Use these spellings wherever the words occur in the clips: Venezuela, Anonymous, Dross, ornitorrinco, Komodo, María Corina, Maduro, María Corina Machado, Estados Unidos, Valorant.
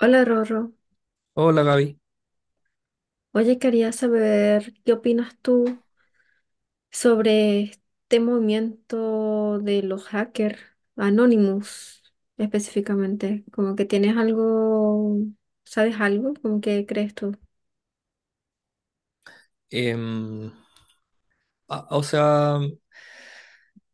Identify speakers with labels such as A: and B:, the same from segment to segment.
A: Hola Rorro,
B: Hola Gaby.
A: oye, quería saber qué opinas tú sobre este movimiento de los hackers Anonymous específicamente, como que tienes algo, ¿sabes algo? ¿Como que crees tú?
B: Em, o sea,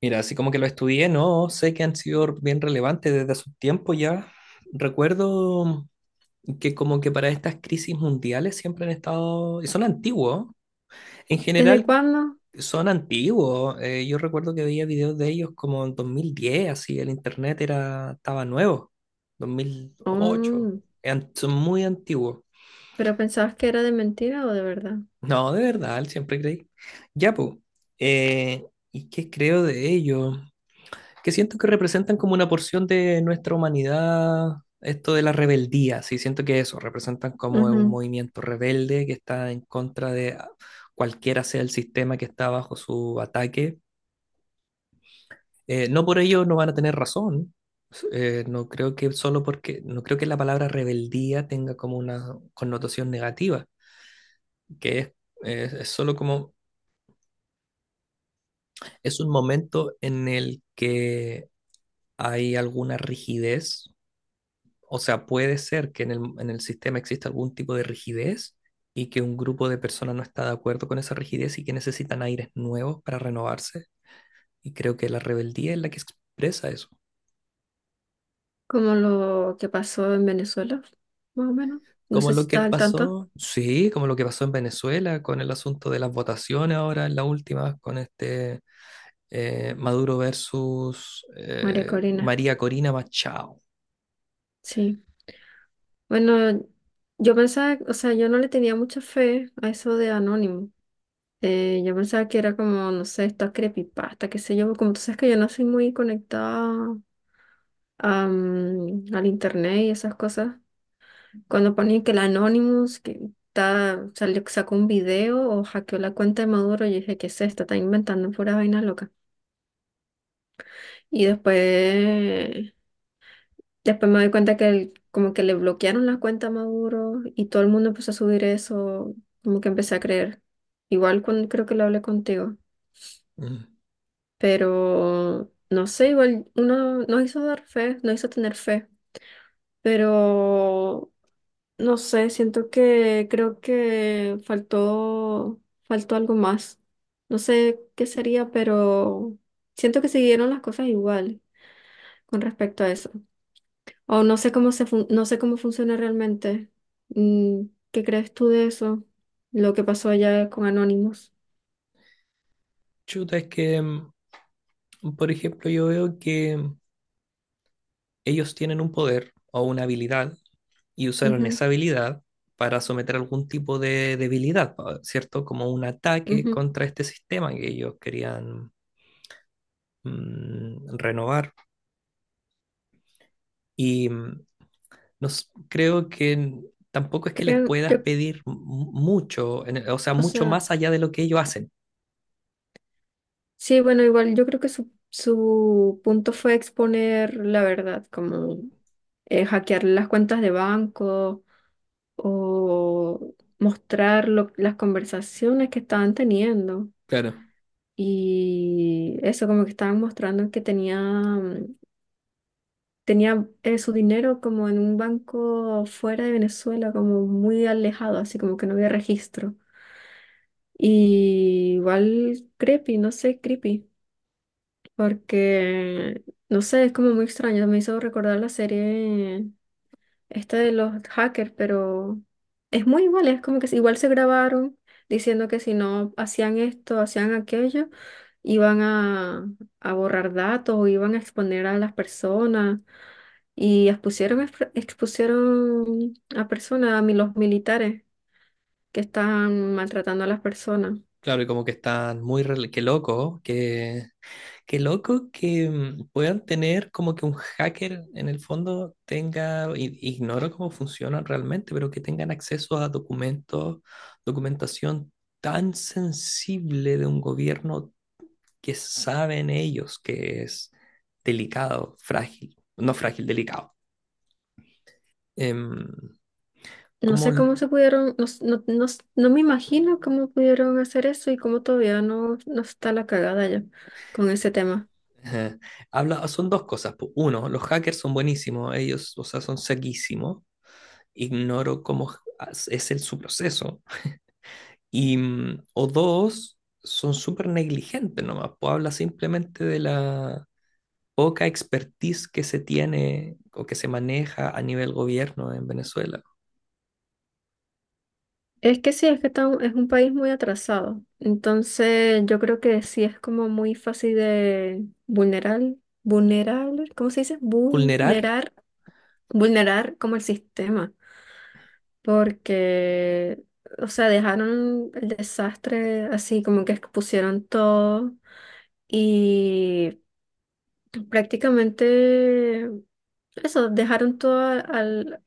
B: mira, así como que lo estudié, no, sé que han sido bien relevantes desde hace un tiempo ya. Recuerdo que como que para estas crisis mundiales siempre han estado, y son antiguos, en
A: ¿Desde
B: general
A: cuándo?
B: son antiguos. Yo recuerdo que veía videos de ellos como en 2010, así el internet era, estaba nuevo, 2008.
A: Mm,
B: Son muy antiguos.
A: ¿pero pensabas que era de mentira o de verdad?
B: No, de verdad, él siempre creí. Ya, pues. eh, ¿Y qué creo de ello? Que siento que representan como una porción de nuestra humanidad, esto de la rebeldía, sí, siento que eso, representan como un
A: Ujú.
B: movimiento rebelde que está en contra de cualquiera sea el sistema que está bajo su ataque. No por ello no van a tener razón. No creo que solo porque, no creo que la palabra rebeldía tenga como una connotación negativa, que es, es solo como es un momento en el que hay alguna rigidez, o sea, puede ser que en el sistema exista algún tipo de rigidez y que un grupo de personas no está de acuerdo con esa rigidez y que necesitan aires nuevos para renovarse. Y creo que la rebeldía es la que expresa eso.
A: Como lo que pasó en Venezuela, más o menos. No
B: Como
A: sé si
B: lo que
A: estás al tanto.
B: pasó, sí, como lo que pasó en Venezuela con el asunto de las votaciones ahora en la última, con este Maduro versus
A: María Corina.
B: María Corina Machado.
A: Sí. Bueno, yo pensaba, o sea, yo no le tenía mucha fe a eso de Anónimo. Yo pensaba que era como, no sé, esta creepypasta, qué sé yo. Como tú sabes que yo no soy muy conectada a, al internet y esas cosas. Cuando ponen que el Anonymous que está, salió, sacó un video o hackeó la cuenta de Maduro, yo dije, ¿qué es esto? Está inventando pura vaina loca. Y después después me doy cuenta que como que le bloquearon la cuenta a Maduro y todo el mundo empezó a subir eso, como que empecé a creer. Igual cuando creo que lo hablé contigo,
B: Mm.
A: pero no sé, igual uno nos hizo dar fe, nos hizo tener fe, pero no sé, siento que creo que faltó algo más. No sé qué sería, pero siento que siguieron las cosas igual con respecto a eso. O no sé cómo no sé cómo funciona realmente. Mm, ¿qué crees tú de eso? Lo que pasó allá con Anonymous.
B: Chuta, es que por ejemplo, yo veo que ellos tienen un poder o una habilidad y usaron
A: Ujú,
B: esa habilidad para someter algún tipo de debilidad, ¿cierto? Como un ataque
A: ujú.
B: contra este sistema que ellos querían, renovar. Y no s- creo que tampoco es que les
A: Creo-
B: puedas
A: yo-
B: pedir mucho, o sea,
A: o
B: mucho
A: sea,
B: más allá de lo que ellos hacen.
A: sí, bueno, igual yo creo que su punto fue exponer la verdad, como hackear las cuentas de banco o mostrar las conversaciones que estaban teniendo.
B: Claro,
A: Y eso como que estaban mostrando que tenía tenía su dinero como en un banco fuera de Venezuela, como muy alejado, así como que no había registro. Y igual creepy, no sé, creepy, porque, no sé, es como muy extraño, me hizo recordar la serie esta de los hackers, pero es muy igual, es como que igual se grabaron diciendo que si no hacían esto, hacían aquello, iban a, a borrar datos o iban a exponer a las personas. Y expusieron, expusieron a personas, a los militares que estaban maltratando a las personas.
B: claro, y como que están muy, qué loco, que qué loco que puedan tener como que un hacker en el fondo tenga, ignoro cómo funcionan realmente, pero que tengan acceso a documentos, documentación tan sensible de un gobierno que saben ellos que es delicado, frágil, no frágil, delicado. Em,
A: No
B: como
A: sé
B: l-
A: cómo se pudieron, no me imagino cómo pudieron hacer eso y cómo todavía no está la cagada ya con ese tema.
B: eh, habla, son dos cosas, po. Uno, los hackers son buenísimos, ellos, o sea, son saquísimos. Ignoro cómo es el, su proceso. Y, o dos, son súper negligentes nomás, pues habla simplemente de la poca expertise que se tiene o que se maneja a nivel gobierno en Venezuela.
A: Es que sí, es que está es un país muy atrasado. Entonces yo creo que sí es como muy fácil de vulnerar, ¿cómo se dice?
B: Vulnerar.
A: Vulnerar como el sistema. Porque, o sea, dejaron el desastre así como que expusieron todo y prácticamente eso, dejaron todo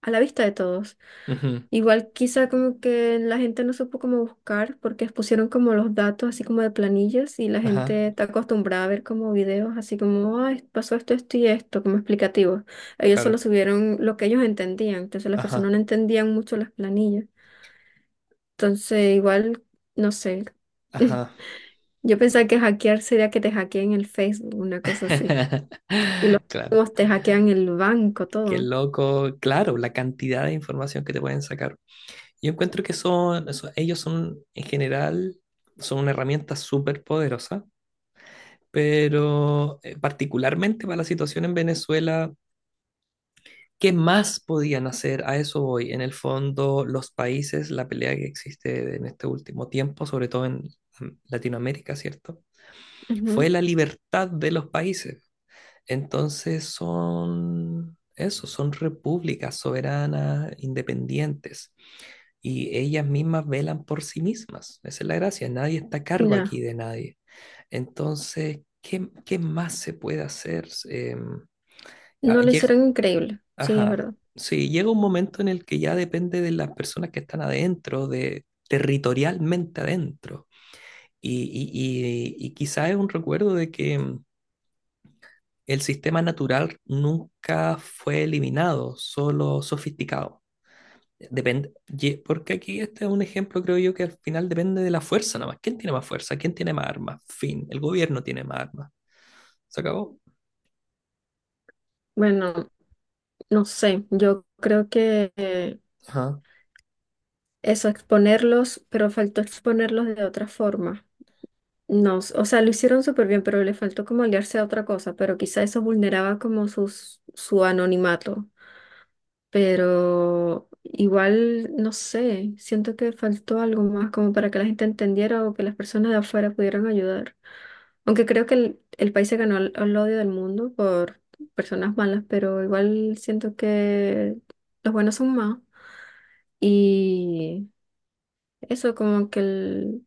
A: a la vista de todos.
B: Ujú.
A: Igual quizá como que la gente no supo cómo buscar porque expusieron como los datos así como de planillas y la
B: Ajá,
A: gente está acostumbrada a ver como videos así como, ay, pasó esto, esto y esto, como explicativos. Ellos
B: claro.
A: solo subieron lo que ellos entendían, entonces las personas
B: Ajá,
A: no entendían mucho las planillas. Entonces, igual, no sé.
B: ajá.
A: Yo pensaba que hackear sería que te hackeen el Facebook, una cosa así. Y los
B: Claro.
A: juegos te hackean el banco,
B: Qué
A: todo.
B: loco. Claro, la cantidad de información que te pueden sacar. Yo encuentro que son, ellos son, en general, son una herramienta súper poderosa. Pero particularmente para la situación en Venezuela, ¿qué más podían hacer? A eso voy. En el fondo, los países, la pelea que existe en este último tiempo, sobre todo en Latinoamérica, ¿cierto?
A: Ujú.
B: Fue la libertad de los países. Entonces son eso, son repúblicas soberanas, independientes, y ellas mismas velan por sí mismas. Esa es la gracia, nadie está a cargo
A: Ya,
B: aquí de nadie. Entonces, ¿qué más se puede hacer? Ah,
A: no lo
B: lleg-
A: hicieron increíble, sí, es
B: ajá,
A: verdad.
B: sí, llega un momento en el que ya depende de las personas que están adentro, de territorialmente adentro. Y, quizá es un recuerdo de que el sistema natural nunca fue eliminado, solo sofisticado. Depende, porque aquí este es un ejemplo, creo yo, que al final depende de la fuerza nada más. ¿Quién tiene más fuerza? ¿Quién tiene más armas? Fin, el gobierno tiene más armas. ¿Se acabó?
A: Bueno, no sé, yo creo que
B: Ajá.
A: eso, exponerlos, pero faltó exponerlos de otra forma. No, o sea, lo hicieron súper bien, pero le faltó como aliarse a otra cosa, pero quizá eso vulneraba como su anonimato. Pero igual, no sé, siento que faltó algo más como para que la gente entendiera o que las personas de afuera pudieran ayudar. Aunque creo que el país se ganó el odio del mundo por personas malas, pero igual siento que los buenos son más. Y eso como que el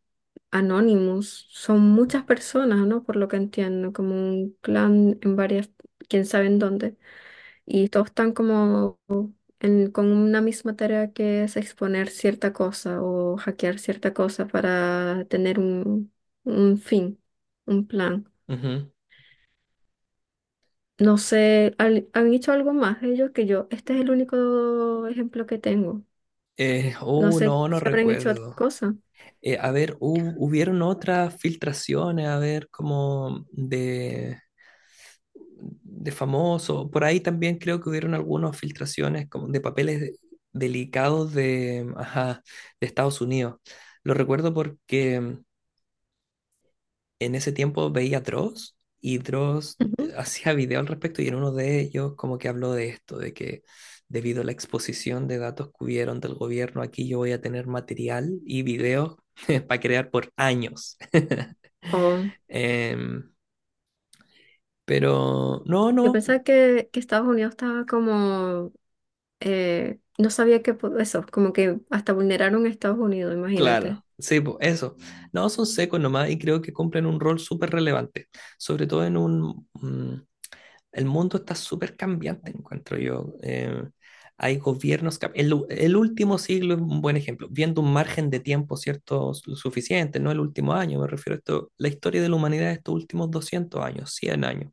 A: Anonymous son muchas personas, ¿no? Por lo que entiendo, como un clan en varias, quién sabe en dónde. Y todos están como con una misma tarea que es exponer cierta cosa o hackear cierta cosa para tener un fin, un plan.
B: Ujú.
A: No sé, han hecho algo más ellos que yo. Este es el único ejemplo que tengo. No sé
B: No, no
A: si habrán hecho otra
B: recuerdo.
A: cosa.
B: A ver, hubieron otras filtraciones, a ver, como de famoso. Por ahí también creo que hubieron algunas filtraciones como de papeles delicados de, ajá, de Estados Unidos. Lo recuerdo porque en ese tiempo veía a Dross y Dross
A: Ujú.
B: hacía video al respecto y en uno de ellos como que habló de esto, de que debido a la exposición de datos que hubieron del gobierno, aquí yo voy a tener material y videos para crear por años.
A: O
B: Em, pero no,
A: yo
B: no,
A: pensaba que Estados Unidos estaba como, no sabía que eso, como que hasta vulneraron a Estados Unidos, imagínate.
B: claro, sí, po, eso. No, son secos nomás y creo que cumplen un rol súper relevante, sobre todo en un, el mundo está súper cambiante, encuentro yo. Hay gobiernos, el último siglo es un buen ejemplo, viendo un margen de tiempo, ¿cierto? Suficiente, no el último año, me refiero a esto, la historia de la humanidad de estos últimos 200 años, 100 años,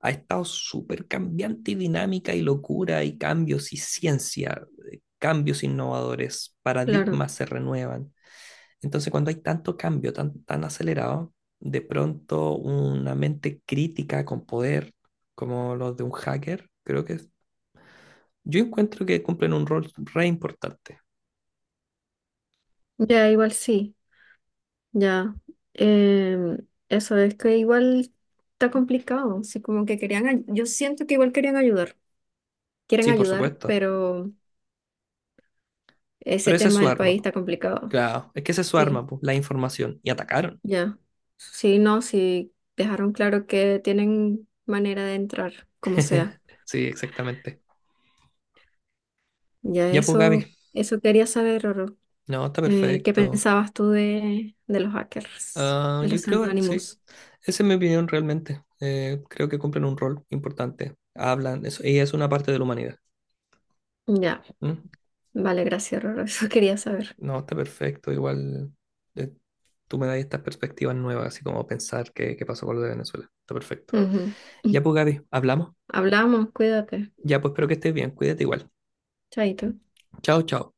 B: ha estado súper cambiante y dinámica y locura y cambios y ciencia, cambios innovadores,
A: Claro.
B: paradigmas se renuevan. Entonces, cuando hay tanto cambio tan, tan acelerado, de pronto una mente crítica con poder, como los de un hacker, creo que yo encuentro que cumplen un rol re importante.
A: Ya, igual sí. Ya, em, eso es que igual está complicado, así como que querían, ay- yo siento que igual querían ayudar, quieren
B: Sí, por
A: ayudar,
B: supuesto.
A: pero
B: Pero
A: ese
B: esa es
A: tema
B: su
A: del
B: arma,
A: país
B: po.
A: está complicado.
B: Claro, es que esa es su arma,
A: Sí,
B: po, la información. Y atacaron.
A: ya, sí, no, sí, dejaron claro que tienen manera de entrar, como sea.
B: Sí, exactamente.
A: Ya
B: Ya, pues, Gaby.
A: eso quería saber, Roro.
B: No, está
A: ¿Qué
B: perfecto.
A: pensabas tú de los hackers,
B: Ah,
A: de
B: yo
A: los
B: creo, sí.
A: anónimos?
B: Esa es mi opinión realmente. Creo que cumplen un rol importante. Hablan, eso, ella es una parte de la humanidad.
A: Ya,
B: ¿Mm?
A: vale, gracias, Roro, eso quería saber.
B: No, está perfecto. Igual eh, tú me das estas perspectivas nuevas, así como pensar qué pasó con lo de Venezuela. Está perfecto.
A: Ujú.
B: Ya pues, Gaby, hablamos.
A: Hablamos, cuídate.
B: Ya pues, espero que estés bien. Cuídate igual.
A: Chaito.
B: Chao, chao.